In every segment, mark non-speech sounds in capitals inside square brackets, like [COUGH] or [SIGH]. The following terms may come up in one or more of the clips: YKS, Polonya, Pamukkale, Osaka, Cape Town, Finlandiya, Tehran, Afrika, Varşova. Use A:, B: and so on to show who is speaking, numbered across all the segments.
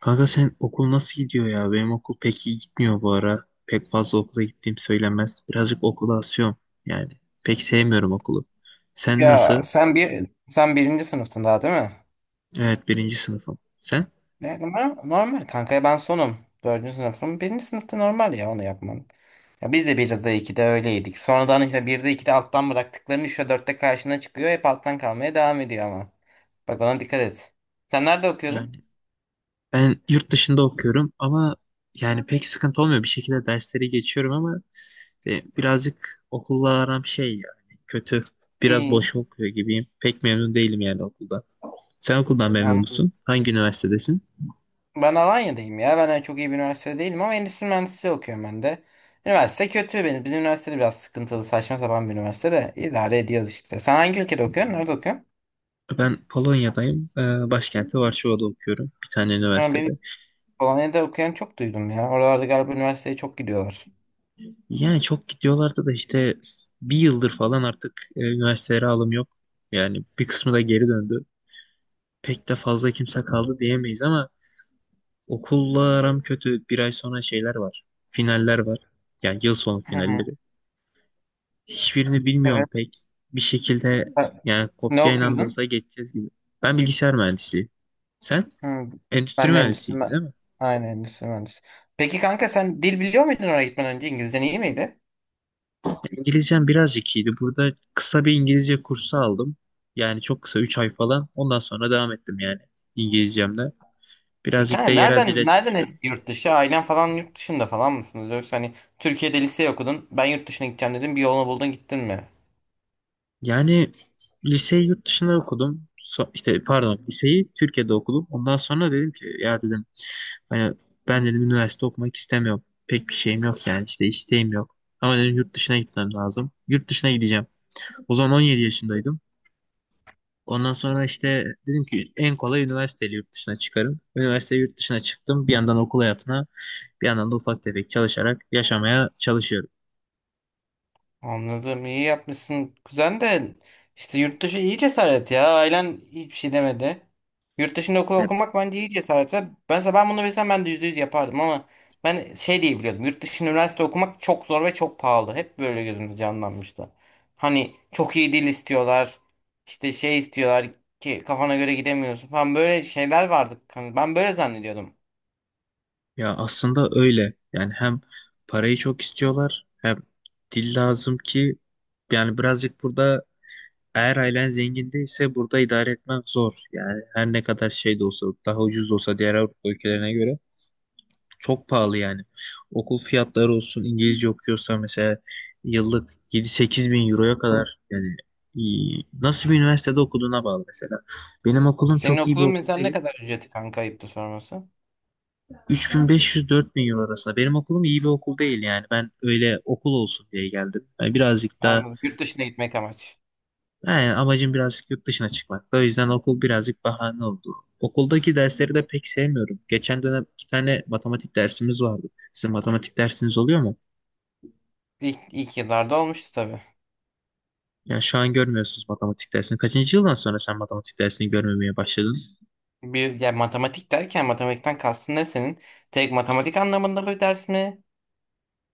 A: Kanka sen okul nasıl gidiyor ya? Benim okul pek iyi gitmiyor bu ara. Pek fazla okula gittiğim söylenmez. Birazcık okula asıyorum yani. Pek sevmiyorum okulu. Sen
B: Ya
A: nasıl?
B: sen birinci sınıftın daha değil mi?
A: Evet birinci sınıfım. Sen?
B: Ne, normal kanka ben sonum. Dördüncü sınıfım. Birinci sınıfta normal ya onu yapman. Ya biz de bir de iki de öyleydik. Sonradan işte bir de iki de alttan bıraktıkların üçte dörtte karşına çıkıyor. Hep alttan kalmaya devam ediyor ama. Bak ona dikkat et. Sen nerede
A: Yani
B: okuyordun?
A: ben yurt dışında okuyorum ama yani pek sıkıntı olmuyor. Bir şekilde dersleri geçiyorum ama birazcık okulla aram şey yani kötü. Biraz
B: İyi.
A: boş okuyor gibiyim. Pek memnun değilim yani okulda. Sen okuldan memnun
B: Anladım.
A: musun? Hangi üniversitedesin?
B: Ben Alanya'dayım ya. Ben öyle çok iyi bir üniversitede değilim ama endüstri mühendisliği okuyorum ben de. Üniversite kötü benim. Bizim üniversitede biraz sıkıntılı, saçma sapan bir üniversite de idare ediyoruz işte. Sen hangi ülkede okuyorsun? Nerede okuyorsun?
A: Ben Polonya'dayım. Başkenti Varşova'da okuyorum. Bir tane
B: Ha,
A: üniversitede.
B: benim Polonya'da okuyan çok duydum ya. Oralarda galiba üniversiteye çok gidiyorlar.
A: Yani çok gidiyorlardı da işte bir yıldır falan artık üniversitelere alım yok. Yani bir kısmı da geri döndü. Pek de fazla kimse kaldı diyemeyiz ama okulla aram kötü. Bir ay sonra şeyler var. Finaller var. Yani yıl sonu
B: Hı hı.
A: finalleri. Hiçbirini bilmiyorum
B: Evet.
A: pek. Bir şekilde
B: Sen
A: yani
B: ne
A: kopyayla da
B: okuyordun?
A: olsa geçeceğiz gibi. Ben bilgisayar mühendisliği. Sen
B: Hı,
A: endüstri
B: ben de endüstri
A: mühendisiydi
B: mühendisi.
A: değil mi?
B: Aynen endüstri mühendisi. Peki kanka sen dil biliyor muydun oraya gitmeden önce? İngilizcen iyi miydi?
A: İngilizcem birazcık iyiydi. Burada kısa bir İngilizce kursu aldım. Yani çok kısa 3 ay falan. Ondan sonra devam ettim yani İngilizcemle.
B: E
A: Birazcık da
B: kanka
A: yerel dile
B: nereden
A: çalışıyorum.
B: esti yurt dışı? Ailen falan yurt dışında falan mısınız? Yoksa hani Türkiye'de lise okudun. Ben yurt dışına gideceğim dedim. Bir yolunu buldun gittin mi?
A: Yani liseyi yurt dışında okudum. İşte pardon liseyi Türkiye'de okudum. Ondan sonra dedim ki ya dedim hani ben dedim üniversite okumak istemiyorum. Pek bir şeyim yok yani işte isteğim yok. Ama dedim yurt dışına gitmem lazım. Yurt dışına gideceğim. O zaman 17 yaşındaydım. Ondan sonra işte dedim ki en kolay üniversiteyle yurt dışına çıkarım. Üniversite yurt dışına çıktım. Bir yandan okul hayatına, bir yandan da ufak tefek çalışarak yaşamaya çalışıyorum.
B: Anladım. İyi yapmışsın. Kuzen de işte yurt dışı iyi cesaret ya. Ailen hiçbir şey demedi. Yurt dışında okul
A: Hep
B: okumak bence iyi cesaret ve ben bunu bilsem ben de yüzde yüz yapardım ama ben şey diye biliyordum. Yurt dışında üniversite okumak çok zor ve çok pahalı. Hep böyle gözümde canlanmıştı. Hani çok iyi dil istiyorlar. İşte şey istiyorlar ki kafana göre gidemiyorsun falan böyle şeyler vardı. Hani ben böyle zannediyordum.
A: Ya aslında öyle. Yani hem parayı çok istiyorlar, hem dil lazım ki yani birazcık burada eğer ailen zengin değilse burada idare etmek zor. Yani her ne kadar şey de olsa, daha ucuz da olsa diğer Avrupa ülkelerine göre çok pahalı yani. Okul fiyatları olsun, İngilizce okuyorsa mesela yıllık 7-8 bin euroya kadar yani iyi. Nasıl bir üniversitede okuduğuna bağlı mesela. Benim okulum
B: Senin
A: çok iyi bir
B: okulun
A: okul
B: mesela ne
A: değil.
B: kadar ücreti kanka, ayıptı sorması?
A: 3500-4000 euro arasında. Benim okulum iyi bir okul değil yani. Ben öyle okul olsun diye geldim. Yani birazcık daha
B: Anladım. Yurt dışına gitmek amaç.
A: yani amacım birazcık yurt dışına çıkmak. O yüzden okul birazcık bahane oldu. Okuldaki dersleri de pek sevmiyorum. Geçen dönem iki tane matematik dersimiz vardı. Sizin matematik dersiniz oluyor mu?
B: İlk yıllarda olmuştu tabii.
A: Ya şu an görmüyorsunuz matematik dersini. Kaçıncı yıldan sonra sen matematik dersini görmemeye başladın?
B: Bir ya, matematik derken matematikten kastın ne senin? Tek matematik anlamında bir ders mi?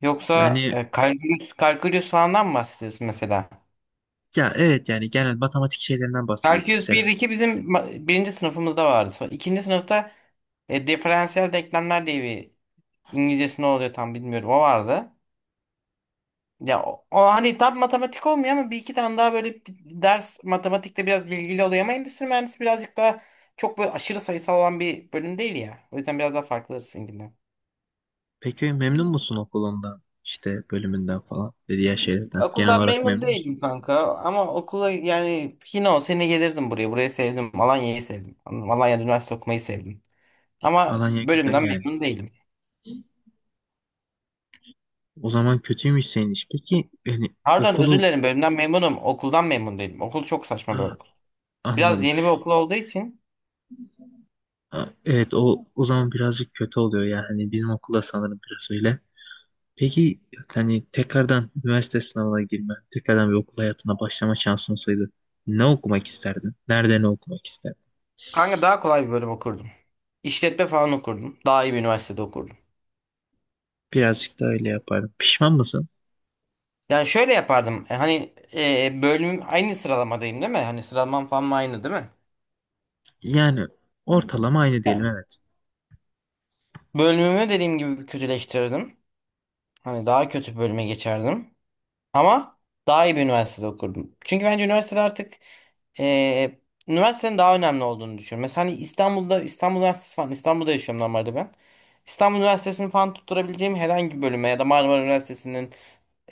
B: Yoksa
A: Yani
B: kalkülüs falandan mı bahsediyorsun mesela?
A: ya evet yani genel matematik şeylerinden bahsediyorum
B: Kalkülüs bir
A: mesela.
B: iki bizim birinci sınıfımızda vardı. Sonra ikinci sınıfta diferansiyel denklemler diye bir, İngilizcesi ne oluyor tam bilmiyorum, o vardı. Ya o hani tam matematik olmuyor ama bir iki tane daha böyle bir ders matematikte biraz ilgili oluyor ama endüstri mühendisi birazcık daha çok böyle aşırı sayısal olan bir bölüm değil ya. O yüzden biraz daha farklı sizinkinden.
A: Peki memnun musun okulundan, işte bölümünden falan ve diğer şeylerden? Genel
B: Okuldan
A: olarak
B: memnun
A: memnun musun?
B: değilim kanka ama okula yani yine o sene gelirdim buraya. Burayı sevdim. Alanya'yı sevdim. Anladım. Alanya'da üniversite okumayı sevdim. Ama
A: Alanya güzel
B: bölümden
A: yani.
B: memnun değilim.
A: O zaman kötüymüş senin iş. Peki yani
B: Pardon, özür
A: okulu
B: dilerim, bölümden memnunum. Okuldan memnun değilim. Okul çok saçma bir
A: ha,
B: okul. Biraz
A: anladım.
B: yeni bir okul olduğu için
A: Ha, evet o zaman birazcık kötü oluyor yani bizim okulda sanırım biraz öyle. Peki hani tekrardan üniversite sınavına girme, tekrardan bir okul hayatına başlama şansın olsaydı ne okumak isterdin? Nerede ne okumak isterdin?
B: kanka daha kolay bir bölüm okurdum. İşletme falan okurdum. Daha iyi bir üniversitede okurdum.
A: Birazcık da öyle yapardım. Pişman mısın?
B: Yani şöyle yapardım. Hani bölümüm aynı, sıralamadayım değil mi? Hani sıralamam falan aynı değil mi?
A: Yani ortalama aynı diyelim,
B: Ya,
A: evet.
B: bölümümü dediğim gibi kötüleştirirdim. Hani daha kötü bir bölüme geçerdim. Ama daha iyi bir üniversitede okurdum. Çünkü bence üniversitede artık e, üniversitenin daha önemli olduğunu düşünüyorum. Mesela hani İstanbul'da, İstanbul Üniversitesi falan, İstanbul'da yaşıyorum normalde ben. İstanbul Üniversitesi'ni falan tutturabileceğim herhangi bir bölüme ya da Marmara Üniversitesi'nin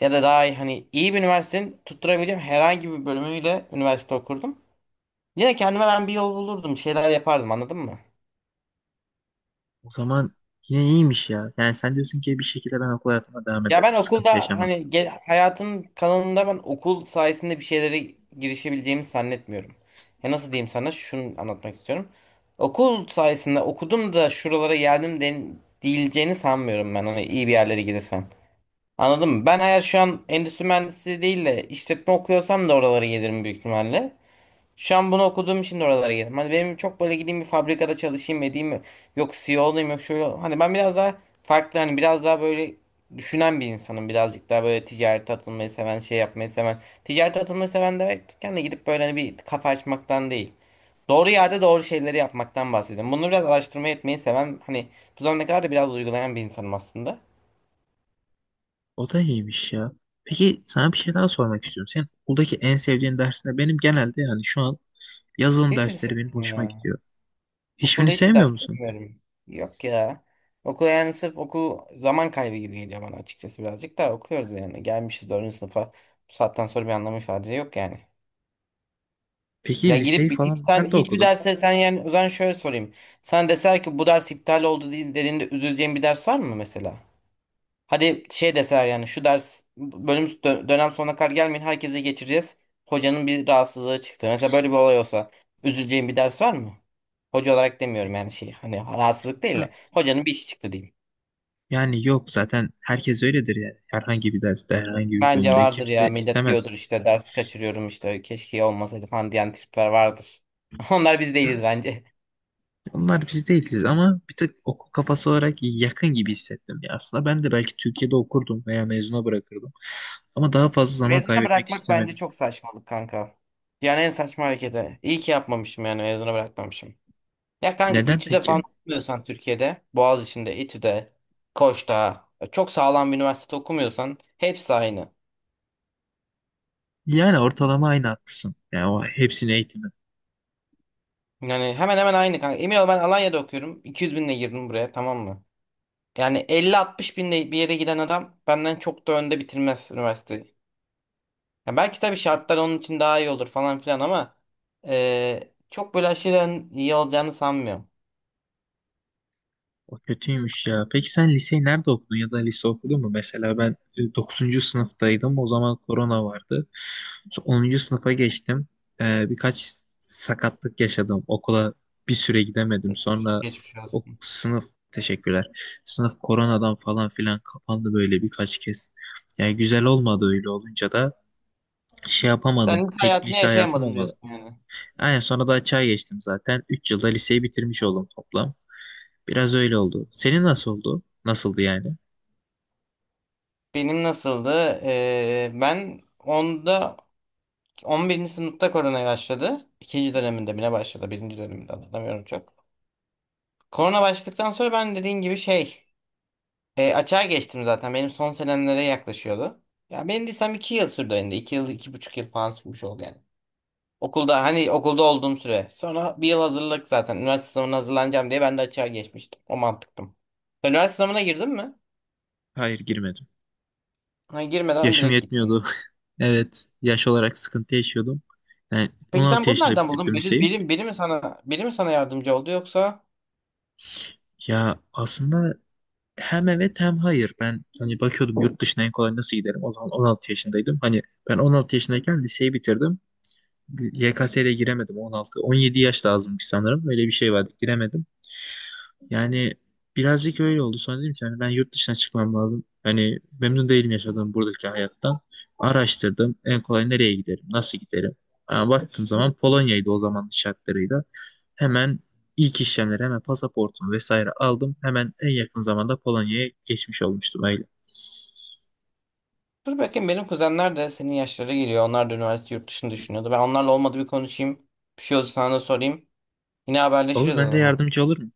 B: ya da daha iyi, hani iyi bir üniversitenin tutturabileceğim herhangi bir bölümüyle üniversite okurdum. Yine kendime ben bir yol bulurdum, bir şeyler yapardım, anladın mı?
A: O zaman yine iyiymiş ya. Yani sen diyorsun ki bir şekilde ben okul hayatıma devam
B: Ya ben
A: ederdim. Sıkıntı
B: okulda hani
A: yaşamadım.
B: hayatın kalanında ben okul sayesinde bir şeylere girişebileceğimi zannetmiyorum. Ya nasıl diyeyim, sana şunu anlatmak istiyorum. Okul sayesinde okudum da şuralara geldim den diyileceğini sanmıyorum ben, hani iyi bir yerlere gidersem. Anladın mı? Ben eğer şu an endüstri mühendisi değil de işletme okuyorsam da oralara gelirim büyük ihtimalle. Şu an bunu okuduğum için de oralara geldim. Hani benim çok böyle gideyim bir fabrikada çalışayım edeyim mi? Yok CEO olayım, yok şöyle, hani ben biraz daha farklı, hani biraz daha böyle düşünen bir insanım. Birazcık daha böyle ticarete atılmayı seven, şey yapmayı seven. Ticarete atılmayı seven derken de gidip böyle hani bir kafa açmaktan değil. Doğru yerde doğru şeyleri yapmaktan bahsediyorum. Bunu biraz araştırma etmeyi seven, hani bu zamana kadar da biraz uygulayan bir insanım aslında.
A: O da iyiymiş ya. Peki sana bir şey daha sormak istiyorum. Senin okuldaki en sevdiğin ders ne? Benim genelde yani şu an yazılım
B: Hiçbirisi.
A: dersleri benim hoşuma gidiyor.
B: Okulda
A: Hiçbirini
B: hiçbir
A: sevmiyor
B: ders
A: musun?
B: sevmiyorum. Yok ya. Okul yani, sırf okul zaman kaybı gibi geliyor bana açıkçası, birazcık da okuyoruz yani. Gelmişiz 4. sınıfa. Bu saatten sonra bir anlamı ifade yok yani. Ya
A: Peki liseyi
B: girip hiç
A: falan
B: sen
A: nerede
B: hiçbir
A: okudun?
B: derse sen, yani o zaman şöyle sorayım. Sen deser ki bu ders iptal oldu dediğinde üzüleceğin bir ders var mı mesela? Hadi şey deseler yani şu ders bölüm dönem sonuna kadar gelmeyin, herkese geçireceğiz. Hocanın bir rahatsızlığı çıktı. Mesela böyle bir olay olsa üzüleceğin bir ders var mı? Hoca olarak demiyorum yani şey, hani rahatsızlık değil
A: Ha,
B: de hocanın bir işi çıktı diyeyim.
A: yani yok zaten herkes öyledir yani. Herhangi bir derste, herhangi bir
B: Bence
A: bölümde
B: vardır
A: kimse
B: ya, millet
A: istemez.
B: diyordur işte ders kaçırıyorum, işte keşke olmasaydı falan diyen tipler vardır. [LAUGHS] Onlar biz
A: Yani
B: değiliz bence.
A: onlar biz değiliz ama bir tık okul kafası olarak yakın gibi hissettim. Ya aslında ben de belki Türkiye'de okurdum veya mezuna bırakırdım. Ama daha fazla zaman
B: Mezuna
A: kaybetmek
B: bırakmak bence
A: istemedim.
B: çok saçmalık kanka. Yani en saçma hareketi. İyi ki yapmamışım yani, mezuna bırakmamışım. Ya kanka
A: Neden
B: İTÜ'de falan
A: peki?
B: okumuyorsan Türkiye'de, Boğaziçi'nde, İTÜ'de, Koç'ta, çok sağlam bir üniversitede okumuyorsan hepsi aynı.
A: Yani ortalama aynı haklısın. Yani o hepsini eğitim.
B: Yani hemen hemen aynı kanka. Emin ol, ben Alanya'da okuyorum. 200 binle girdim buraya, tamam mı? Yani 50-60 binle bir yere giden adam benden çok da önde bitirmez üniversiteyi. Ya belki tabii şartlar onun için daha iyi olur falan filan ama çok böyle aşırı iyi olacağını sanmıyorum.
A: O kötüymüş ya. Peki sen liseyi nerede okudun ya da lise okudun mu? Mesela ben dokuzuncu sınıftaydım. O zaman korona vardı. Sonra 10. sınıfa geçtim. Birkaç sakatlık yaşadım. Okula bir süre gidemedim. Sonra
B: Geçmiş
A: o
B: olsun.
A: sınıf teşekkürler. Sınıf koronadan falan filan kapandı böyle birkaç kez. Yani güzel olmadı öyle olunca da şey yapamadım.
B: Sen lise
A: Pek
B: hayatını
A: lise hayatım
B: yaşayamadım
A: olmadı.
B: diyorsun yani.
A: Aynen, sonra da açığa geçtim zaten. 3 yılda liseyi bitirmiş oldum toplam. Biraz öyle oldu. Senin nasıl oldu? Nasıldı yani?
B: Benim nasıldı? Ben 11. sınıfta korona başladı. İkinci döneminde bile başladı. Birinci döneminde hatırlamıyorum çok. Korona başladıktan sonra ben dediğin gibi açığa geçtim zaten. Benim son senemlere yaklaşıyordu. Ya benim desem 2 yıl sürdü yani. İki yıl, iki buçuk yıl falan sürmüş oldu yani. Okulda hani, okulda olduğum süre. Sonra bir yıl hazırlık zaten. Üniversite sınavına hazırlanacağım diye ben de açığa geçmiştim. O mantıktım. Sen üniversite sınavına girdin mi?
A: Hayır girmedim.
B: Hayır, girmeden
A: Yaşım
B: direkt gittin.
A: yetmiyordu. [LAUGHS] Evet, yaş olarak sıkıntı yaşıyordum. Yani
B: Peki sen
A: 16
B: bunu
A: yaşında
B: nereden buldun?
A: bitirdim
B: Biri,
A: liseyi.
B: biri, biri mi sana biri mi sana yardımcı oldu yoksa?
A: Ya aslında hem evet hem hayır. Ben hani bakıyordum yurt dışına en kolay nasıl giderim. O zaman 16 yaşındaydım. Hani ben 16 yaşındayken liseyi bitirdim. YKS'ye giremedim 16. 17 yaş lazımmış sanırım. Öyle bir şey vardı. Giremedim. Yani birazcık öyle oldu. Sonra dedim ki hani ben yurt dışına çıkmam lazım. Hani memnun değilim yaşadığım buradaki hayattan. Araştırdım. En kolay nereye giderim? Nasıl giderim? Ha, baktığım zaman Polonya'ydı o zamanın şartlarıyla. Hemen ilk işlemleri hemen pasaportumu vesaire aldım. Hemen en yakın zamanda Polonya'ya geçmiş olmuştum öyle.
B: Dur bakayım, benim kuzenler de senin yaşlara geliyor. Onlar da üniversite yurt dışını düşünüyordu. Ben onlarla olmadı bir konuşayım. Bir şey olursa sana da sorayım. Yine haberleşiriz
A: Olur
B: o
A: ben de
B: zaman.
A: yardımcı olur mu?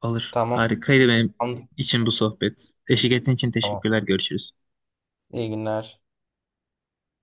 A: Olur.
B: Tamam.
A: Harikaydı benim
B: Anladım.
A: için bu sohbet. Eşlik ettiğin için
B: Tamam.
A: teşekkürler. Görüşürüz.
B: İyi günler.